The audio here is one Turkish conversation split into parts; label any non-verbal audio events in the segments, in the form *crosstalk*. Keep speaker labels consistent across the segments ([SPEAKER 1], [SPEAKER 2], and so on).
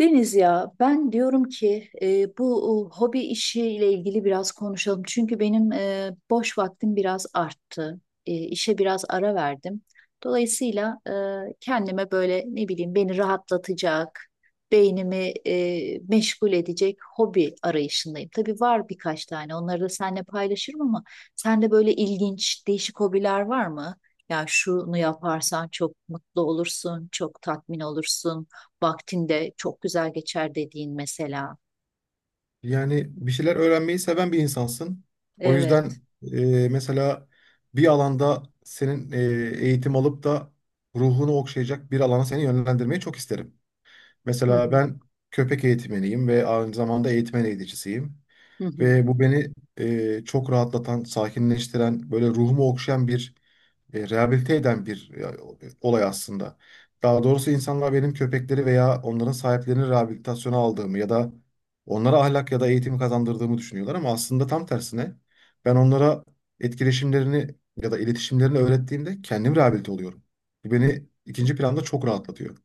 [SPEAKER 1] Deniz ya, ben diyorum ki bu hobi işiyle ilgili biraz konuşalım. Çünkü benim boş vaktim biraz arttı. İşe biraz ara verdim. Dolayısıyla kendime böyle ne bileyim beni rahatlatacak, beynimi meşgul edecek hobi arayışındayım. Tabii var birkaç tane, onları da seninle paylaşırım ama sende böyle ilginç değişik hobiler var mı? Ya şunu yaparsan çok mutlu olursun, çok tatmin olursun, vaktinde çok güzel geçer dediğin mesela.
[SPEAKER 2] Yani bir şeyler öğrenmeyi seven bir insansın. O
[SPEAKER 1] Evet.
[SPEAKER 2] yüzden mesela bir alanda senin eğitim alıp da ruhunu okşayacak bir alana seni yönlendirmeyi çok isterim.
[SPEAKER 1] Hı
[SPEAKER 2] Mesela
[SPEAKER 1] hı.
[SPEAKER 2] ben köpek eğitmeniyim ve aynı zamanda eğitmen eğiticisiyim.
[SPEAKER 1] Hı hı.
[SPEAKER 2] Ve bu beni çok rahatlatan, sakinleştiren, böyle ruhumu okşayan bir rehabilite eden bir olay aslında. Daha doğrusu insanlar benim köpekleri veya onların sahiplerini rehabilitasyona aldığımı ya da onlara ahlak ya da eğitim kazandırdığımı düşünüyorlar ama aslında tam tersine ben onlara etkileşimlerini ya da iletişimlerini öğrettiğimde kendim rehabilite oluyorum. Bu beni ikinci planda çok rahatlatıyor.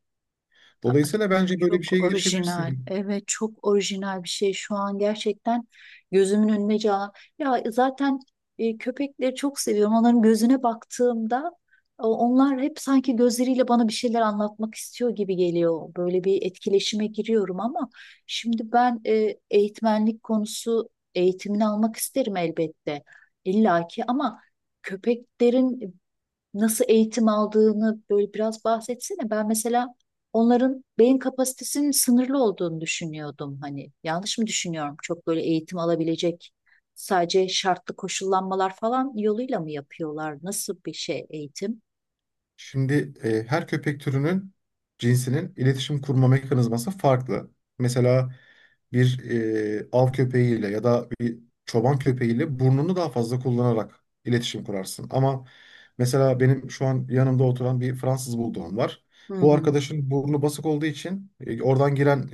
[SPEAKER 1] Aa,
[SPEAKER 2] Dolayısıyla bence böyle bir
[SPEAKER 1] çok
[SPEAKER 2] şeye
[SPEAKER 1] orijinal.
[SPEAKER 2] girişebilirsin.
[SPEAKER 1] Evet, çok orijinal bir şey. Şu an gerçekten gözümün önüne can. Ya zaten köpekleri çok seviyorum. Onların gözüne baktığımda onlar hep sanki gözleriyle bana bir şeyler anlatmak istiyor gibi geliyor. Böyle bir etkileşime giriyorum ama şimdi ben eğitmenlik konusu, eğitimini almak isterim elbette. İllaki ama köpeklerin nasıl eğitim aldığını böyle biraz bahsetsene. Ben mesela onların beyin kapasitesinin sınırlı olduğunu düşünüyordum. Hani yanlış mı düşünüyorum? Çok böyle eğitim alabilecek, sadece şartlı koşullanmalar falan yoluyla mı yapıyorlar? Nasıl bir şey eğitim?
[SPEAKER 2] Şimdi her köpek türünün cinsinin iletişim kurma mekanizması farklı. Mesela bir av köpeğiyle ya da bir çoban köpeğiyle burnunu daha fazla kullanarak iletişim kurarsın. Ama mesela benim şu an yanımda oturan bir Fransız bulldogum var.
[SPEAKER 1] Hı
[SPEAKER 2] Bu
[SPEAKER 1] hı.
[SPEAKER 2] arkadaşın burnu basık olduğu için oradan giren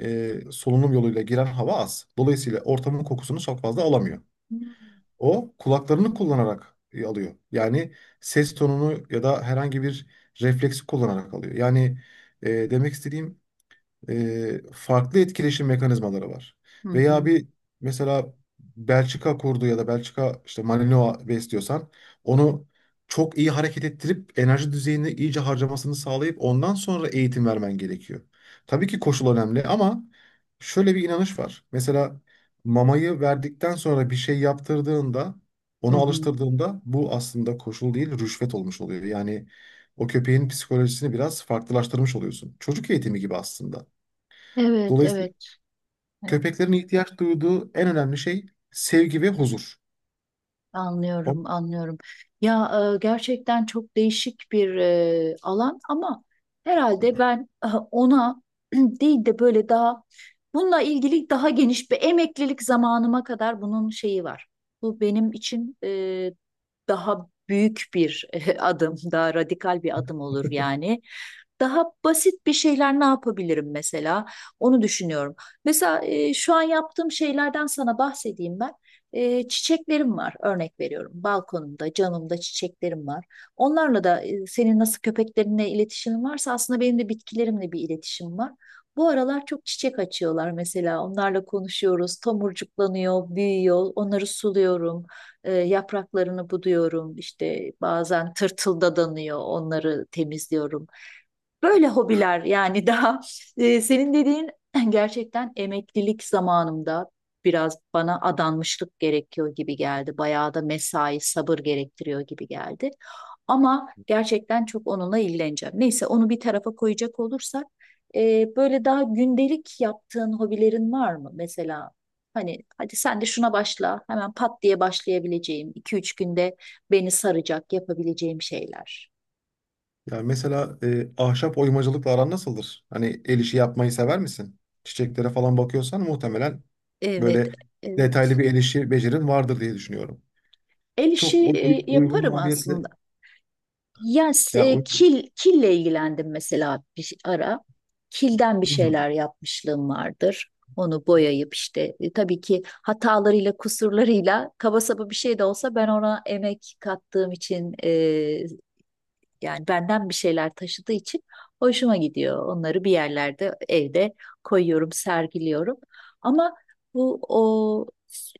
[SPEAKER 2] solunum yoluyla giren hava az. Dolayısıyla ortamın kokusunu çok fazla alamıyor.
[SPEAKER 1] Hmm.
[SPEAKER 2] O kulaklarını kullanarak alıyor. Yani ses tonunu ya da herhangi bir refleksi kullanarak alıyor. Yani demek istediğim farklı etkileşim mekanizmaları var.
[SPEAKER 1] Hı
[SPEAKER 2] Veya
[SPEAKER 1] hı,
[SPEAKER 2] bir mesela Belçika kurdu ya da Belçika işte Malinois besliyorsan onu çok iyi hareket ettirip enerji düzeyini iyice harcamasını sağlayıp ondan sonra eğitim vermen gerekiyor. Tabii ki koşul önemli ama şöyle bir inanış var. Mesela mamayı verdikten sonra bir şey yaptırdığında
[SPEAKER 1] hı
[SPEAKER 2] onu
[SPEAKER 1] hı.
[SPEAKER 2] alıştırdığında bu aslında koşul değil rüşvet olmuş oluyor. Yani o köpeğin psikolojisini biraz farklılaştırmış oluyorsun. Çocuk eğitimi gibi aslında.
[SPEAKER 1] Evet,
[SPEAKER 2] Dolayısıyla
[SPEAKER 1] evet, evet.
[SPEAKER 2] köpeklerin ihtiyaç duyduğu en önemli şey sevgi ve huzur. O,
[SPEAKER 1] Anlıyorum, anlıyorum. Ya gerçekten çok değişik bir alan ama herhalde ben ona *clears throat* değil de böyle daha bununla ilgili daha geniş bir, emeklilik zamanıma kadar bunun şeyi var. Bu benim için daha büyük bir *laughs* adım, daha radikal bir adım olur yani. Daha basit bir şeyler ne yapabilirim mesela? Onu düşünüyorum. Mesela şu an yaptığım şeylerden sana bahsedeyim ben. Çiçeklerim var, örnek veriyorum. Balkonumda, camımda çiçeklerim var. Onlarla da senin nasıl köpeklerinle iletişimin varsa aslında benim de bitkilerimle bir iletişim var. Bu aralar çok çiçek açıyorlar mesela. Onlarla konuşuyoruz, tomurcuklanıyor, büyüyor. Onları suluyorum, yapraklarını buduyorum. İşte bazen tırtıldadanıyor, onları temizliyorum. Böyle hobiler yani. *laughs* Daha senin dediğin *clears throat* gerçekten emeklilik zamanımda biraz bana adanmışlık gerekiyor gibi geldi. Bayağı da mesai, sabır gerektiriyor gibi geldi. Ama gerçekten çok onunla ilgileneceğim. Neyse, onu bir tarafa koyacak olursak böyle daha gündelik yaptığın hobilerin var mı? Mesela hani hadi sen de şuna başla, hemen pat diye başlayabileceğim, iki üç günde beni saracak yapabileceğim şeyler.
[SPEAKER 2] yani mesela ahşap oymacılıkla aran nasıldır? Hani el işi yapmayı sever misin? Çiçeklere falan bakıyorsan muhtemelen
[SPEAKER 1] Evet,
[SPEAKER 2] böyle
[SPEAKER 1] evet.
[SPEAKER 2] detaylı bir el işi becerin vardır diye düşünüyorum.
[SPEAKER 1] El işi
[SPEAKER 2] Çok uygun
[SPEAKER 1] yaparım
[SPEAKER 2] maliyetli.
[SPEAKER 1] aslında. Yani
[SPEAKER 2] Ya uy-
[SPEAKER 1] kille ilgilendim mesela bir ara. Kilden bir
[SPEAKER 2] Hı hı.
[SPEAKER 1] şeyler yapmışlığım vardır. Onu boyayıp işte tabii ki hatalarıyla, kusurlarıyla kaba saba bir şey de olsa ben ona emek kattığım için, yani benden bir şeyler taşıdığı için hoşuma gidiyor. Onları bir yerlerde, evde koyuyorum, sergiliyorum. Ama bu, o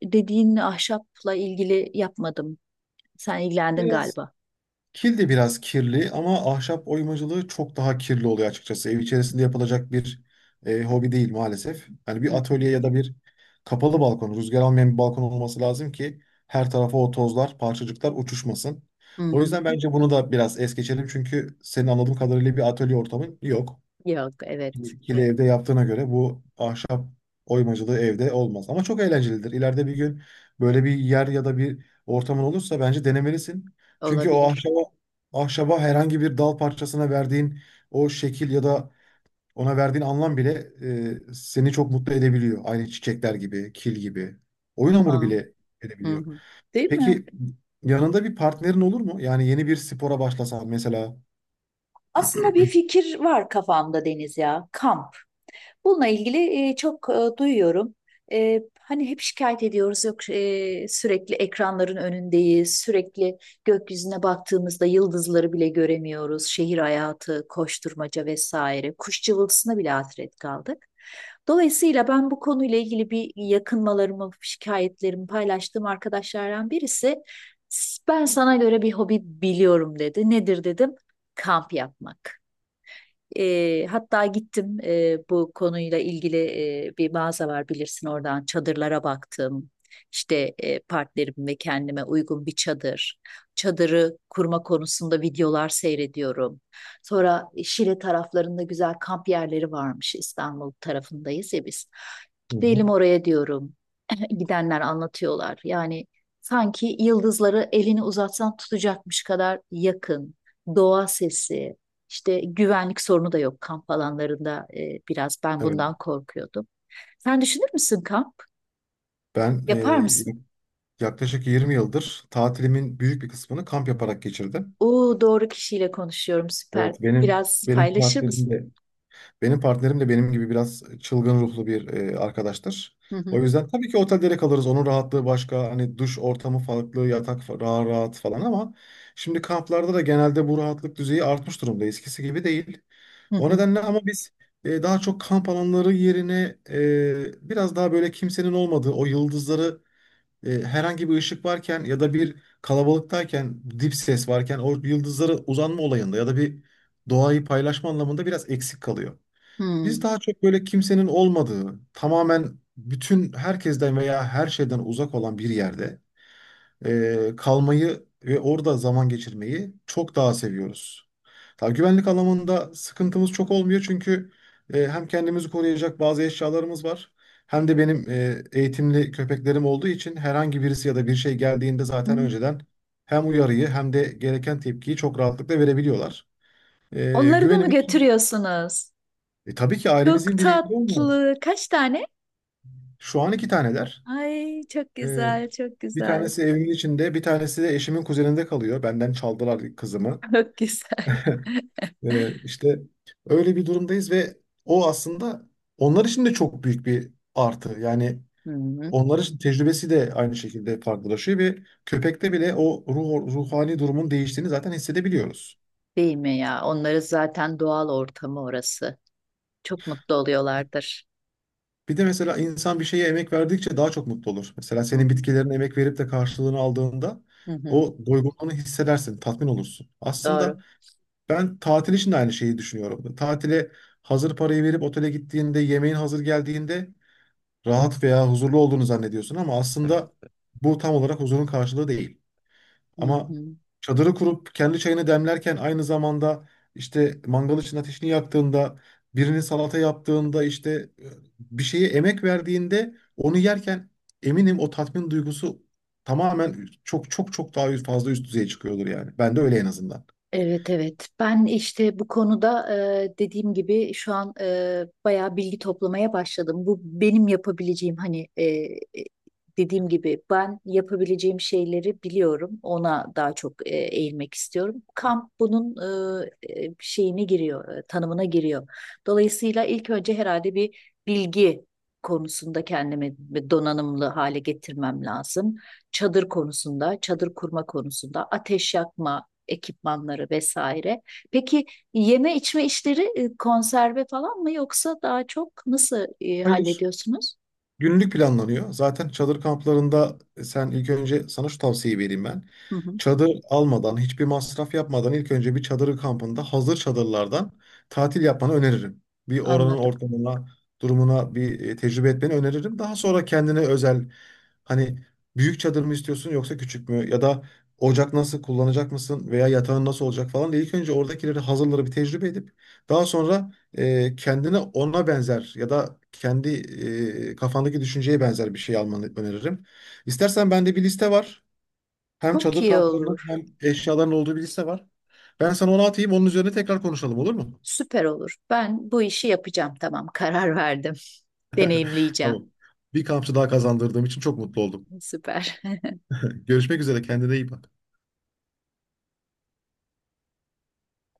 [SPEAKER 1] dediğin ahşapla ilgili yapmadım. Sen ilgilendin
[SPEAKER 2] Biraz.
[SPEAKER 1] galiba.
[SPEAKER 2] Kil de biraz kirli ama ahşap oymacılığı çok daha kirli oluyor açıkçası. Ev içerisinde yapılacak bir hobi değil maalesef. Hani
[SPEAKER 1] Hı
[SPEAKER 2] bir
[SPEAKER 1] hı.
[SPEAKER 2] atölye ya da bir kapalı balkon, rüzgar almayan bir balkon olması lazım ki her tarafa o tozlar, parçacıklar uçuşmasın.
[SPEAKER 1] Hı hı.
[SPEAKER 2] O yüzden
[SPEAKER 1] Hı hı.
[SPEAKER 2] bence bunu da biraz es geçelim çünkü senin anladığım kadarıyla bir atölye ortamın yok.
[SPEAKER 1] Yok, evet.
[SPEAKER 2] İkili evde yaptığına göre bu ahşap oymacılığı evde olmaz. Ama çok eğlencelidir. İleride bir gün böyle bir yer ya da bir ortamın olursa bence denemelisin. Çünkü o
[SPEAKER 1] Olabilir.
[SPEAKER 2] ahşaba, ahşaba herhangi bir dal parçasına verdiğin o şekil ya da ona verdiğin anlam bile seni çok mutlu edebiliyor. Aynı çiçekler gibi, kil gibi. Oyun hamuru
[SPEAKER 1] Aa,
[SPEAKER 2] bile
[SPEAKER 1] hı
[SPEAKER 2] edebiliyor.
[SPEAKER 1] hı. Değil mi?
[SPEAKER 2] Peki yanında bir partnerin olur mu? Yani yeni bir spora başlasan mesela.
[SPEAKER 1] Aslında bir fikir var kafamda Deniz ya. Kamp. Bununla ilgili çok duyuyorum. Hani hep şikayet ediyoruz, yok sürekli ekranların önündeyiz, sürekli gökyüzüne baktığımızda yıldızları bile göremiyoruz, şehir hayatı, koşturmaca vesaire, kuş cıvıltısına bile hasret kaldık. Dolayısıyla ben bu konuyla ilgili bir, yakınmalarımı, şikayetlerimi paylaştığım arkadaşlardan birisi, ben sana göre bir hobi biliyorum dedi. Nedir dedim? Kamp yapmak. Hatta gittim, bu konuyla ilgili bir mağaza var bilirsin, oradan çadırlara baktım. İşte partnerim ve kendime uygun bir çadır. Çadırı kurma konusunda videolar seyrediyorum. Sonra Şile taraflarında güzel kamp yerleri varmış. İstanbul tarafındayız ya biz.
[SPEAKER 2] Hı hı.
[SPEAKER 1] Gidelim oraya diyorum. *clears throat* *laughs* Gidenler anlatıyorlar. Yani sanki yıldızları elini uzatsan tutacakmış kadar yakın. Doğa sesi, işte güvenlik sorunu da yok kamp alanlarında, biraz ben
[SPEAKER 2] Evet.
[SPEAKER 1] bundan korkuyordum. Sen düşünür müsün kamp?
[SPEAKER 2] Ben
[SPEAKER 1] Yapar
[SPEAKER 2] e,
[SPEAKER 1] mısın?
[SPEAKER 2] Yaklaşık 20 yıldır tatilimin büyük bir kısmını kamp yaparak geçirdim.
[SPEAKER 1] Oo, doğru kişiyle konuşuyorum, süper.
[SPEAKER 2] Evet, benim
[SPEAKER 1] Biraz
[SPEAKER 2] benim
[SPEAKER 1] paylaşır mısın?
[SPEAKER 2] partnerim de benim partnerim de benim gibi biraz çılgın ruhlu bir arkadaştır.
[SPEAKER 1] Hı
[SPEAKER 2] O
[SPEAKER 1] hı,
[SPEAKER 2] yüzden tabii ki otellere kalırız. Onun rahatlığı başka. Hani duş ortamı farklı, yatak rahat rahat falan ama şimdi kamplarda da genelde bu rahatlık düzeyi artmış durumda. Eskisi gibi değil.
[SPEAKER 1] hı
[SPEAKER 2] O
[SPEAKER 1] hı.
[SPEAKER 2] nedenle ama biz daha çok kamp alanları yerine biraz daha böyle kimsenin olmadığı o yıldızları herhangi bir ışık varken ya da bir kalabalıktayken, dip ses varken o yıldızlara uzanma olayında ya da bir doğayı paylaşma anlamında biraz eksik kalıyor. Biz
[SPEAKER 1] Hmm,
[SPEAKER 2] daha çok böyle kimsenin olmadığı, tamamen bütün herkesten veya her şeyden uzak olan bir yerde kalmayı ve orada zaman geçirmeyi çok daha seviyoruz. Tabii güvenlik alanında sıkıntımız çok olmuyor çünkü hem kendimizi koruyacak bazı eşyalarımız var. Hem de benim eğitimli köpeklerim olduğu için herhangi birisi ya da bir şey geldiğinde zaten
[SPEAKER 1] hmm.
[SPEAKER 2] önceden hem uyarıyı hem de gereken tepkiyi çok rahatlıkla verebiliyorlar. E,
[SPEAKER 1] Onları da mı
[SPEAKER 2] güvenimiz
[SPEAKER 1] götürüyorsunuz?
[SPEAKER 2] tabii ki
[SPEAKER 1] Çok
[SPEAKER 2] ailemizin bireyleri var.
[SPEAKER 1] tatlı. Kaç tane?
[SPEAKER 2] Şu an iki taneler.
[SPEAKER 1] Ay çok
[SPEAKER 2] E,
[SPEAKER 1] güzel, çok
[SPEAKER 2] bir
[SPEAKER 1] güzel.
[SPEAKER 2] tanesi evimin içinde, bir tanesi de eşimin kuzeninde kalıyor. Benden çaldılar kızımı.
[SPEAKER 1] *laughs* Çok güzel.
[SPEAKER 2] İşte öyle bir durumdayız ve o aslında onlar için de çok büyük bir artı. Yani
[SPEAKER 1] Hı hı.
[SPEAKER 2] onlar için tecrübesi de aynı şekilde farklılaşıyor ve köpekte bile o ruh, ruhani durumun değiştiğini zaten hissedebiliyoruz.
[SPEAKER 1] Değil mi ya? Onları zaten doğal ortamı orası. Çok mutlu oluyorlardır.
[SPEAKER 2] Bir de mesela insan bir şeye emek verdikçe daha çok mutlu olur. Mesela
[SPEAKER 1] Hı
[SPEAKER 2] senin
[SPEAKER 1] hı.
[SPEAKER 2] bitkilerine emek verip de karşılığını aldığında
[SPEAKER 1] Hı hı.
[SPEAKER 2] o doygunluğunu hissedersin, tatmin olursun.
[SPEAKER 1] Doğru.
[SPEAKER 2] Aslında ben tatil için de aynı şeyi düşünüyorum. Tatile hazır parayı verip otele gittiğinde, yemeğin hazır geldiğinde rahat veya huzurlu olduğunu zannediyorsun ama aslında bu tam olarak huzurun karşılığı değil.
[SPEAKER 1] Hı
[SPEAKER 2] Ama
[SPEAKER 1] hı.
[SPEAKER 2] çadırı kurup kendi çayını demlerken aynı zamanda işte mangal için ateşini yaktığında, birinin salata yaptığında işte e, bir şeye emek verdiğinde onu yerken eminim o tatmin duygusu tamamen çok çok çok daha fazla üst düzeye çıkıyordur yani. Ben de öyle en azından.
[SPEAKER 1] Evet, evet, ben işte bu konuda dediğim gibi şu an bayağı bilgi toplamaya başladım. Bu benim yapabileceğim, hani dediğim gibi ben yapabileceğim şeyleri biliyorum. Ona daha çok eğilmek istiyorum. Kamp bunun şeyine giriyor, tanımına giriyor. Dolayısıyla ilk önce herhalde bir bilgi konusunda kendimi donanımlı hale getirmem lazım: çadır konusunda, çadır kurma konusunda, ateş yakma, ekipmanları vesaire. Peki yeme içme işleri konserve falan mı, yoksa daha çok nasıl
[SPEAKER 2] Hayır.
[SPEAKER 1] hallediyorsunuz?
[SPEAKER 2] Günlük planlanıyor. Zaten çadır kamplarında sen ilk önce sana şu tavsiyeyi vereyim ben.
[SPEAKER 1] Hı hı,
[SPEAKER 2] Çadır almadan, hiçbir masraf yapmadan ilk önce bir çadırı kampında hazır çadırlardan tatil yapmanı öneririm. Bir oranın
[SPEAKER 1] anladım.
[SPEAKER 2] ortamına, durumuna bir tecrübe etmeni öneririm. Daha sonra kendine özel hani büyük çadır mı istiyorsun yoksa küçük mü ya da ocak nasıl kullanacak mısın veya yatağın nasıl olacak falan diye ilk önce oradakileri hazırları bir tecrübe edip daha sonra kendine ona benzer ya da kendi kafandaki düşünceye benzer bir şey almanı öneririm. İstersen bende bir liste var. Hem
[SPEAKER 1] Çok
[SPEAKER 2] çadır
[SPEAKER 1] iyi
[SPEAKER 2] kamplarının
[SPEAKER 1] olur.
[SPEAKER 2] hem eşyaların olduğu bir liste var. Ben sana onu atayım, onun üzerine tekrar konuşalım olur mu?
[SPEAKER 1] Süper olur. Ben bu işi yapacağım. Tamam, karar verdim. *laughs* Deneyimleyeceğim.
[SPEAKER 2] Tamam. Bir kampçı daha kazandırdığım için çok mutlu oldum.
[SPEAKER 1] Süper.
[SPEAKER 2] Görüşmek üzere, kendine iyi bak.